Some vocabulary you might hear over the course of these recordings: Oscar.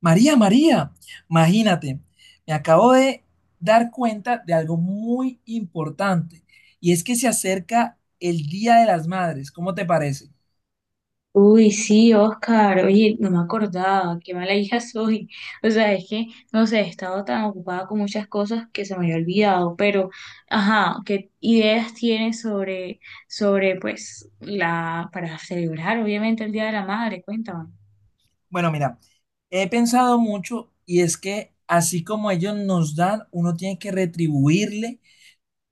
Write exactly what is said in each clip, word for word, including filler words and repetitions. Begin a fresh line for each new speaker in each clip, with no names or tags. María, María, imagínate, me acabo de dar cuenta de algo muy importante y es que se acerca el Día de las Madres. ¿Cómo te parece?
Uy, sí, Oscar, oye, no me acordaba, qué mala hija soy. O sea, es que, no sé, he estado tan ocupada con muchas cosas que se me había olvidado, pero, ajá, ¿qué ideas tienes sobre, sobre, pues, la, para celebrar, obviamente, el Día de la Madre? Cuéntame.
Bueno, mira, he pensado mucho y es que así como ellos nos dan, uno tiene que retribuirle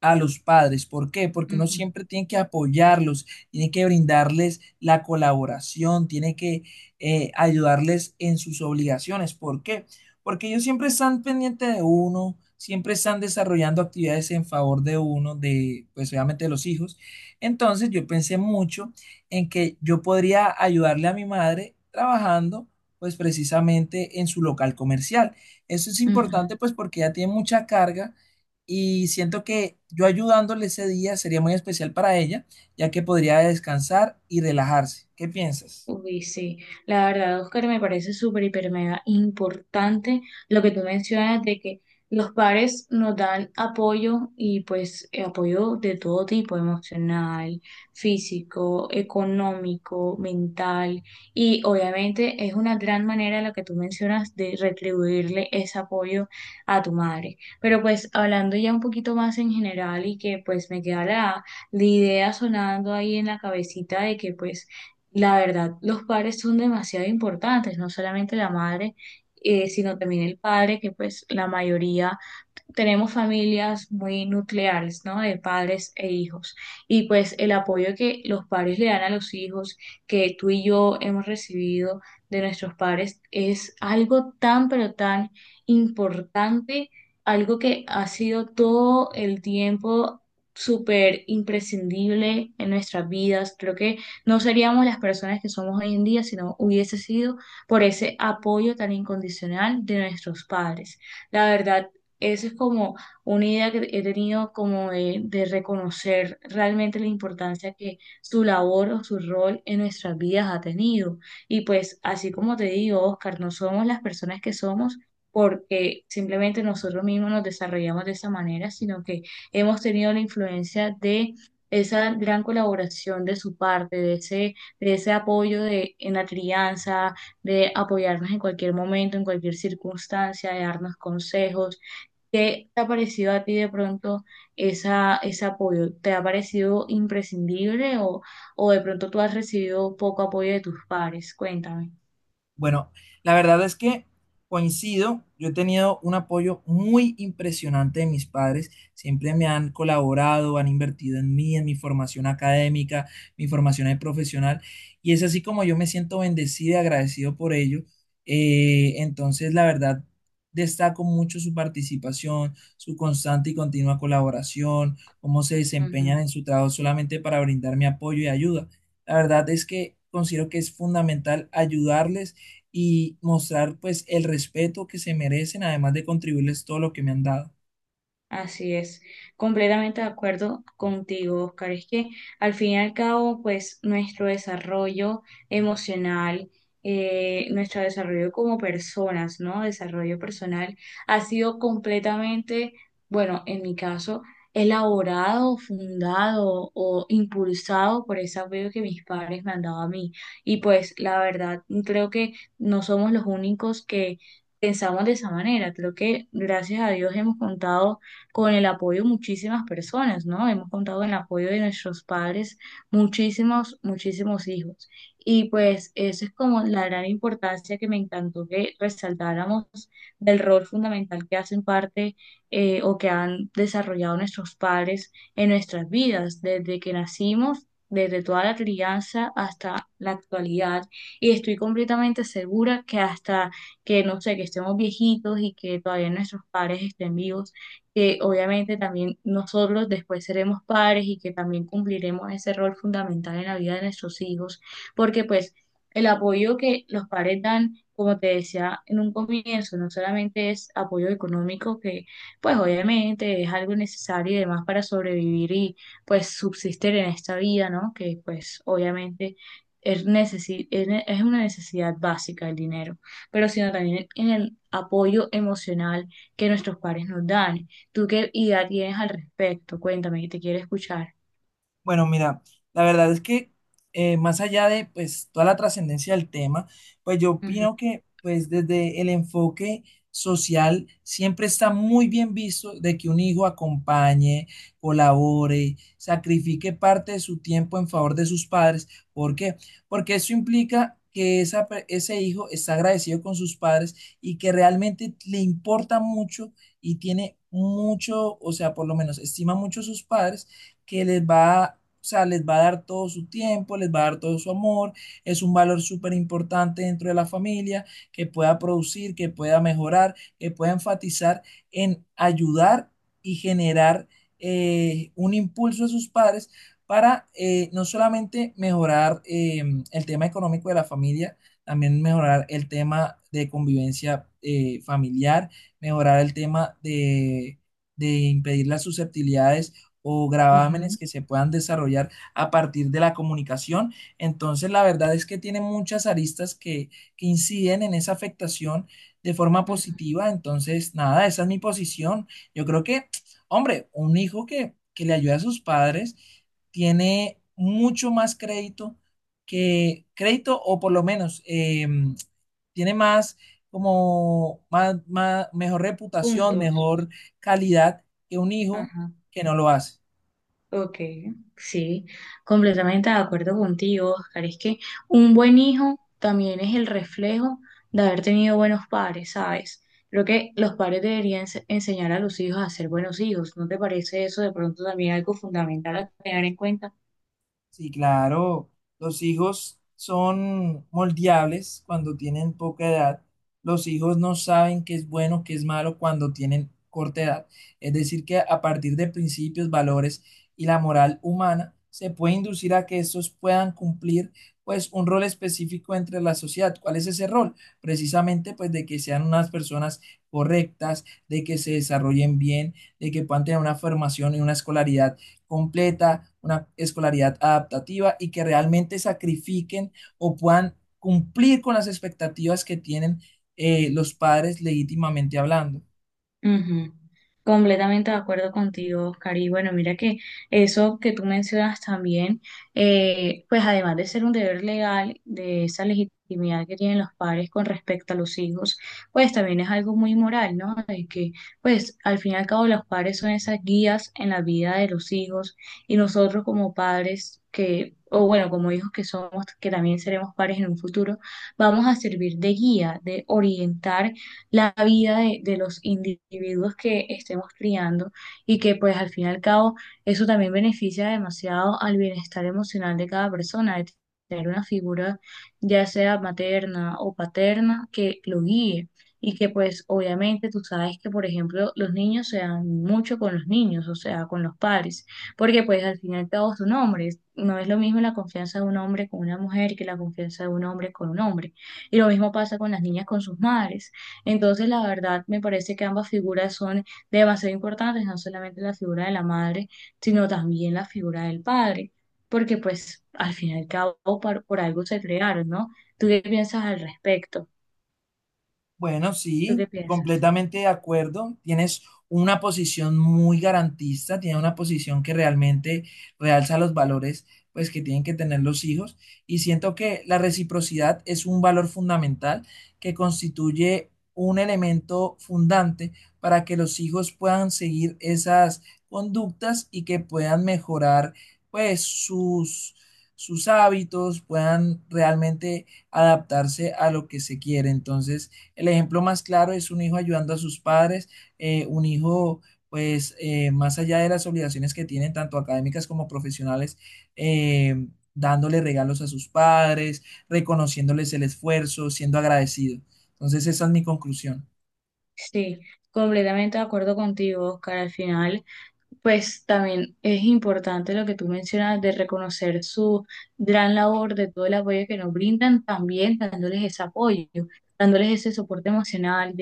a los padres. ¿Por qué? Porque uno
Ujú,
siempre tiene que apoyarlos, tiene que brindarles la colaboración, tiene que eh, ayudarles en sus obligaciones. ¿Por qué? Porque ellos siempre están pendientes de uno, siempre están desarrollando actividades en favor de uno, de, pues obviamente de los hijos. Entonces yo pensé mucho en que yo podría ayudarle a mi madre trabajando, pues precisamente en su local comercial. Eso es
ujú.
importante, pues porque ella tiene mucha carga y siento que yo ayudándole ese día sería muy especial para ella, ya que podría descansar y relajarse. ¿Qué piensas?
Uy, sí, la verdad, Oscar, me parece súper, hiper, mega importante lo que tú mencionas de que los padres nos dan apoyo y pues eh, apoyo de todo tipo, emocional, físico, económico, mental, y obviamente es una gran manera la que tú mencionas de retribuirle ese apoyo a tu madre. Pero pues hablando ya un poquito más en general y que pues me queda la, la idea sonando ahí en la cabecita de que pues la verdad, los padres son demasiado importantes, no solamente la madre, eh, sino también el padre, que pues la mayoría tenemos familias muy nucleares, ¿no? De padres e hijos. Y pues el apoyo que los padres le dan a los hijos, que tú y yo hemos recibido de nuestros padres, es algo tan, pero tan importante, algo que ha sido todo el tiempo súper imprescindible en nuestras vidas. Creo que no seríamos las personas que somos hoy en día si no hubiese sido por ese apoyo tan incondicional de nuestros padres. La verdad esa es como una idea que he tenido como de, de reconocer realmente la importancia que su labor o su rol en nuestras vidas ha tenido. Y pues así como te digo, Oscar, no somos las personas que somos porque simplemente nosotros mismos nos desarrollamos de esa manera, sino que hemos tenido la influencia de esa gran colaboración de su parte, de ese, de ese apoyo de, en la crianza, de apoyarnos en cualquier momento, en cualquier circunstancia, de darnos consejos. ¿Qué te ha parecido a ti de pronto esa, ese apoyo? ¿Te ha parecido imprescindible o, o de pronto tú has recibido poco apoyo de tus pares? Cuéntame.
Bueno, la verdad es que coincido, yo he tenido un apoyo muy impresionante de mis padres, siempre me han colaborado, han invertido en mí, en mi formación académica, mi formación de profesional, y es así como yo me siento bendecido y agradecido por ello. Eh, entonces, la verdad, destaco mucho su participación, su constante y continua colaboración, cómo se desempeñan
Ujú.
en su trabajo solamente para brindarme apoyo y ayuda. La verdad es que considero que es fundamental ayudarles y mostrar pues el respeto que se merecen, además de contribuirles todo lo que me han dado.
Así es, completamente de acuerdo contigo, Oscar. Es que al fin y al cabo, pues nuestro desarrollo emocional, eh, nuestro desarrollo como personas, ¿no? Desarrollo personal ha sido completamente, bueno, en mi caso, elaborado, fundado o impulsado por ese apoyo que mis padres me han dado a mí. Y pues la verdad, creo que no somos los únicos que... Pensamos de esa manera. Creo que gracias a Dios hemos contado con el apoyo de muchísimas personas, ¿no? Hemos contado con el apoyo de nuestros padres, muchísimos, muchísimos hijos. Y pues eso es como la gran importancia que me encantó que resaltáramos del rol fundamental que hacen parte eh, o que han desarrollado nuestros padres en nuestras vidas, desde que nacimos, desde toda la crianza hasta la actualidad. Y estoy completamente segura que hasta que, no sé, que estemos viejitos y que todavía nuestros padres estén vivos, que obviamente también nosotros después seremos padres y que también cumpliremos ese rol fundamental en la vida de nuestros hijos, porque pues el apoyo que los padres dan, como te decía en un comienzo, no solamente es apoyo económico, que pues obviamente es algo necesario y demás para sobrevivir y pues subsistir en esta vida, ¿no? Que pues obviamente... Es, necesi- es ne- es una necesidad básica el dinero, pero sino también en el apoyo emocional que nuestros padres nos dan. ¿Tú qué idea tienes al respecto? Cuéntame, que te quiero escuchar.
Bueno, mira, la verdad es que eh, más allá de pues toda la trascendencia del tema, pues yo
Ujú,
opino que pues desde el enfoque social siempre está muy bien visto de que un hijo acompañe, colabore, sacrifique parte de su tiempo en favor de sus padres. ¿Por qué? Porque eso implica que esa pe- ese hijo está agradecido con sus padres y que realmente le importa mucho y tiene mucho, o sea, por lo menos estima mucho a sus padres que les va, a, o sea, les va a dar todo su tiempo, les va a dar todo su amor, es un valor súper importante dentro de la familia, que pueda producir, que pueda mejorar, que pueda enfatizar en ayudar y generar eh, un impulso a sus padres para eh, no solamente mejorar eh, el tema económico de la familia, también mejorar el tema de convivencia eh, familiar, mejorar el tema de, de impedir las susceptibilidades o
ujú,
gravámenes que se puedan desarrollar a partir de la comunicación. Entonces, la verdad es que tiene muchas aristas que, que inciden en esa afectación de forma
ujú.
positiva. Entonces, nada, esa es mi posición. Yo creo que, hombre, un hijo que, que le ayuda a sus padres tiene mucho más crédito que crédito o por lo menos eh, tiene más como más, más, mejor reputación,
Puntos.
mejor calidad que un hijo
Ajá.
que no lo hace.
Ok, sí, completamente de acuerdo contigo, Oscar. Es que un buen hijo también es el reflejo de haber tenido buenos padres, ¿sabes? Creo que los padres deberían ens- enseñar a los hijos a ser buenos hijos. ¿No te parece eso de pronto también algo fundamental a tener en cuenta?
Sí, claro, los hijos son moldeables cuando tienen poca edad. Los hijos no saben qué es bueno, qué es malo cuando tienen corta edad. Es decir, que a partir de principios, valores y la moral humana, se puede inducir a que estos puedan cumplir pues un rol específico entre la sociedad. ¿Cuál es ese rol? Precisamente pues de que sean unas personas correctas, de que se desarrollen bien, de que puedan tener una formación y una escolaridad completa, una escolaridad adaptativa y que realmente sacrifiquen o puedan cumplir con las expectativas que tienen eh, los padres legítimamente hablando.
Ujú. Completamente de acuerdo contigo, Oscar. Y bueno, mira que eso que tú mencionas también, eh, pues además de ser un deber legal, de esa legitimidad que tienen los padres con respecto a los hijos, pues también es algo muy moral, ¿no? De que, pues al fin y al cabo los padres son esas guías en la vida de los hijos y nosotros como padres que, o bueno, como hijos que somos, que también seremos padres en un futuro, vamos a servir de guía, de orientar la vida de, de los individuos que estemos criando y que pues al fin y al cabo eso también beneficia demasiado al bienestar emocional de cada persona, de tener una figura ya sea materna o paterna que lo guíe y que pues obviamente tú sabes que por ejemplo los niños se dan mucho con los niños, o sea, con los padres, porque pues al fin y al cabo son hombres, no es lo mismo la confianza de un hombre con una mujer que la confianza de un hombre con un hombre, y lo mismo pasa con las niñas con sus madres, entonces, la verdad, me parece que ambas figuras son demasiado importantes, no solamente la figura de la madre, sino también la figura del padre, porque pues al fin y al cabo por, por algo se crearon, ¿no? ¿Tú qué piensas al respecto?
Bueno,
¿Tú qué
sí,
piensas?
completamente de acuerdo. Tienes una posición muy garantista, tienes una posición que realmente realza los valores pues que tienen que tener los hijos y siento que la reciprocidad es un valor fundamental que constituye un elemento fundante para que los hijos puedan seguir esas conductas y que puedan mejorar pues sus sus hábitos, puedan realmente adaptarse a lo que se quiere. Entonces, el ejemplo más claro es un hijo ayudando a sus padres, eh, un hijo, pues, eh, más allá de las obligaciones que tienen, tanto académicas como profesionales, eh, dándole regalos a sus padres, reconociéndoles el esfuerzo, siendo agradecido. Entonces, esa es mi conclusión.
Sí, completamente de acuerdo contigo, Oscar. Al final, pues también es importante lo que tú mencionas de reconocer su gran labor, de todo el apoyo que nos brindan, también dándoles ese apoyo, dándoles ese soporte emocional,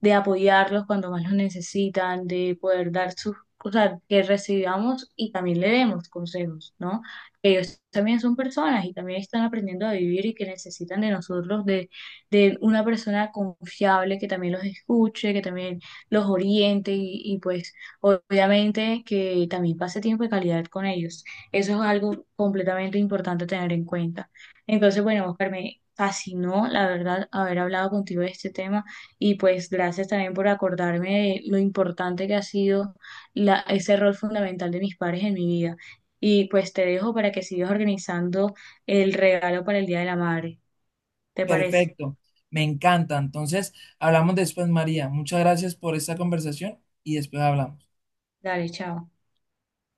de apoyarlos cuando más los necesitan, de poder dar sus, o sea, que recibamos y también le demos consejos, ¿no? Que ellos también son personas y también están aprendiendo a vivir y que necesitan de nosotros, de, de una persona confiable que también los escuche, que también los oriente y, y pues obviamente que también pase tiempo de calidad con ellos. Eso es algo completamente importante a tener en cuenta. Entonces, bueno, Oscar, me fascinó, la verdad, haber hablado contigo de este tema. Y pues gracias también por acordarme de lo importante que ha sido la, ese rol fundamental de mis padres en mi vida. Y pues te dejo para que sigas organizando el regalo para el Día de la Madre. ¿Te parece?
Perfecto, me encanta. Entonces, hablamos después, María. Muchas gracias por esta conversación y después hablamos.
Dale, chao.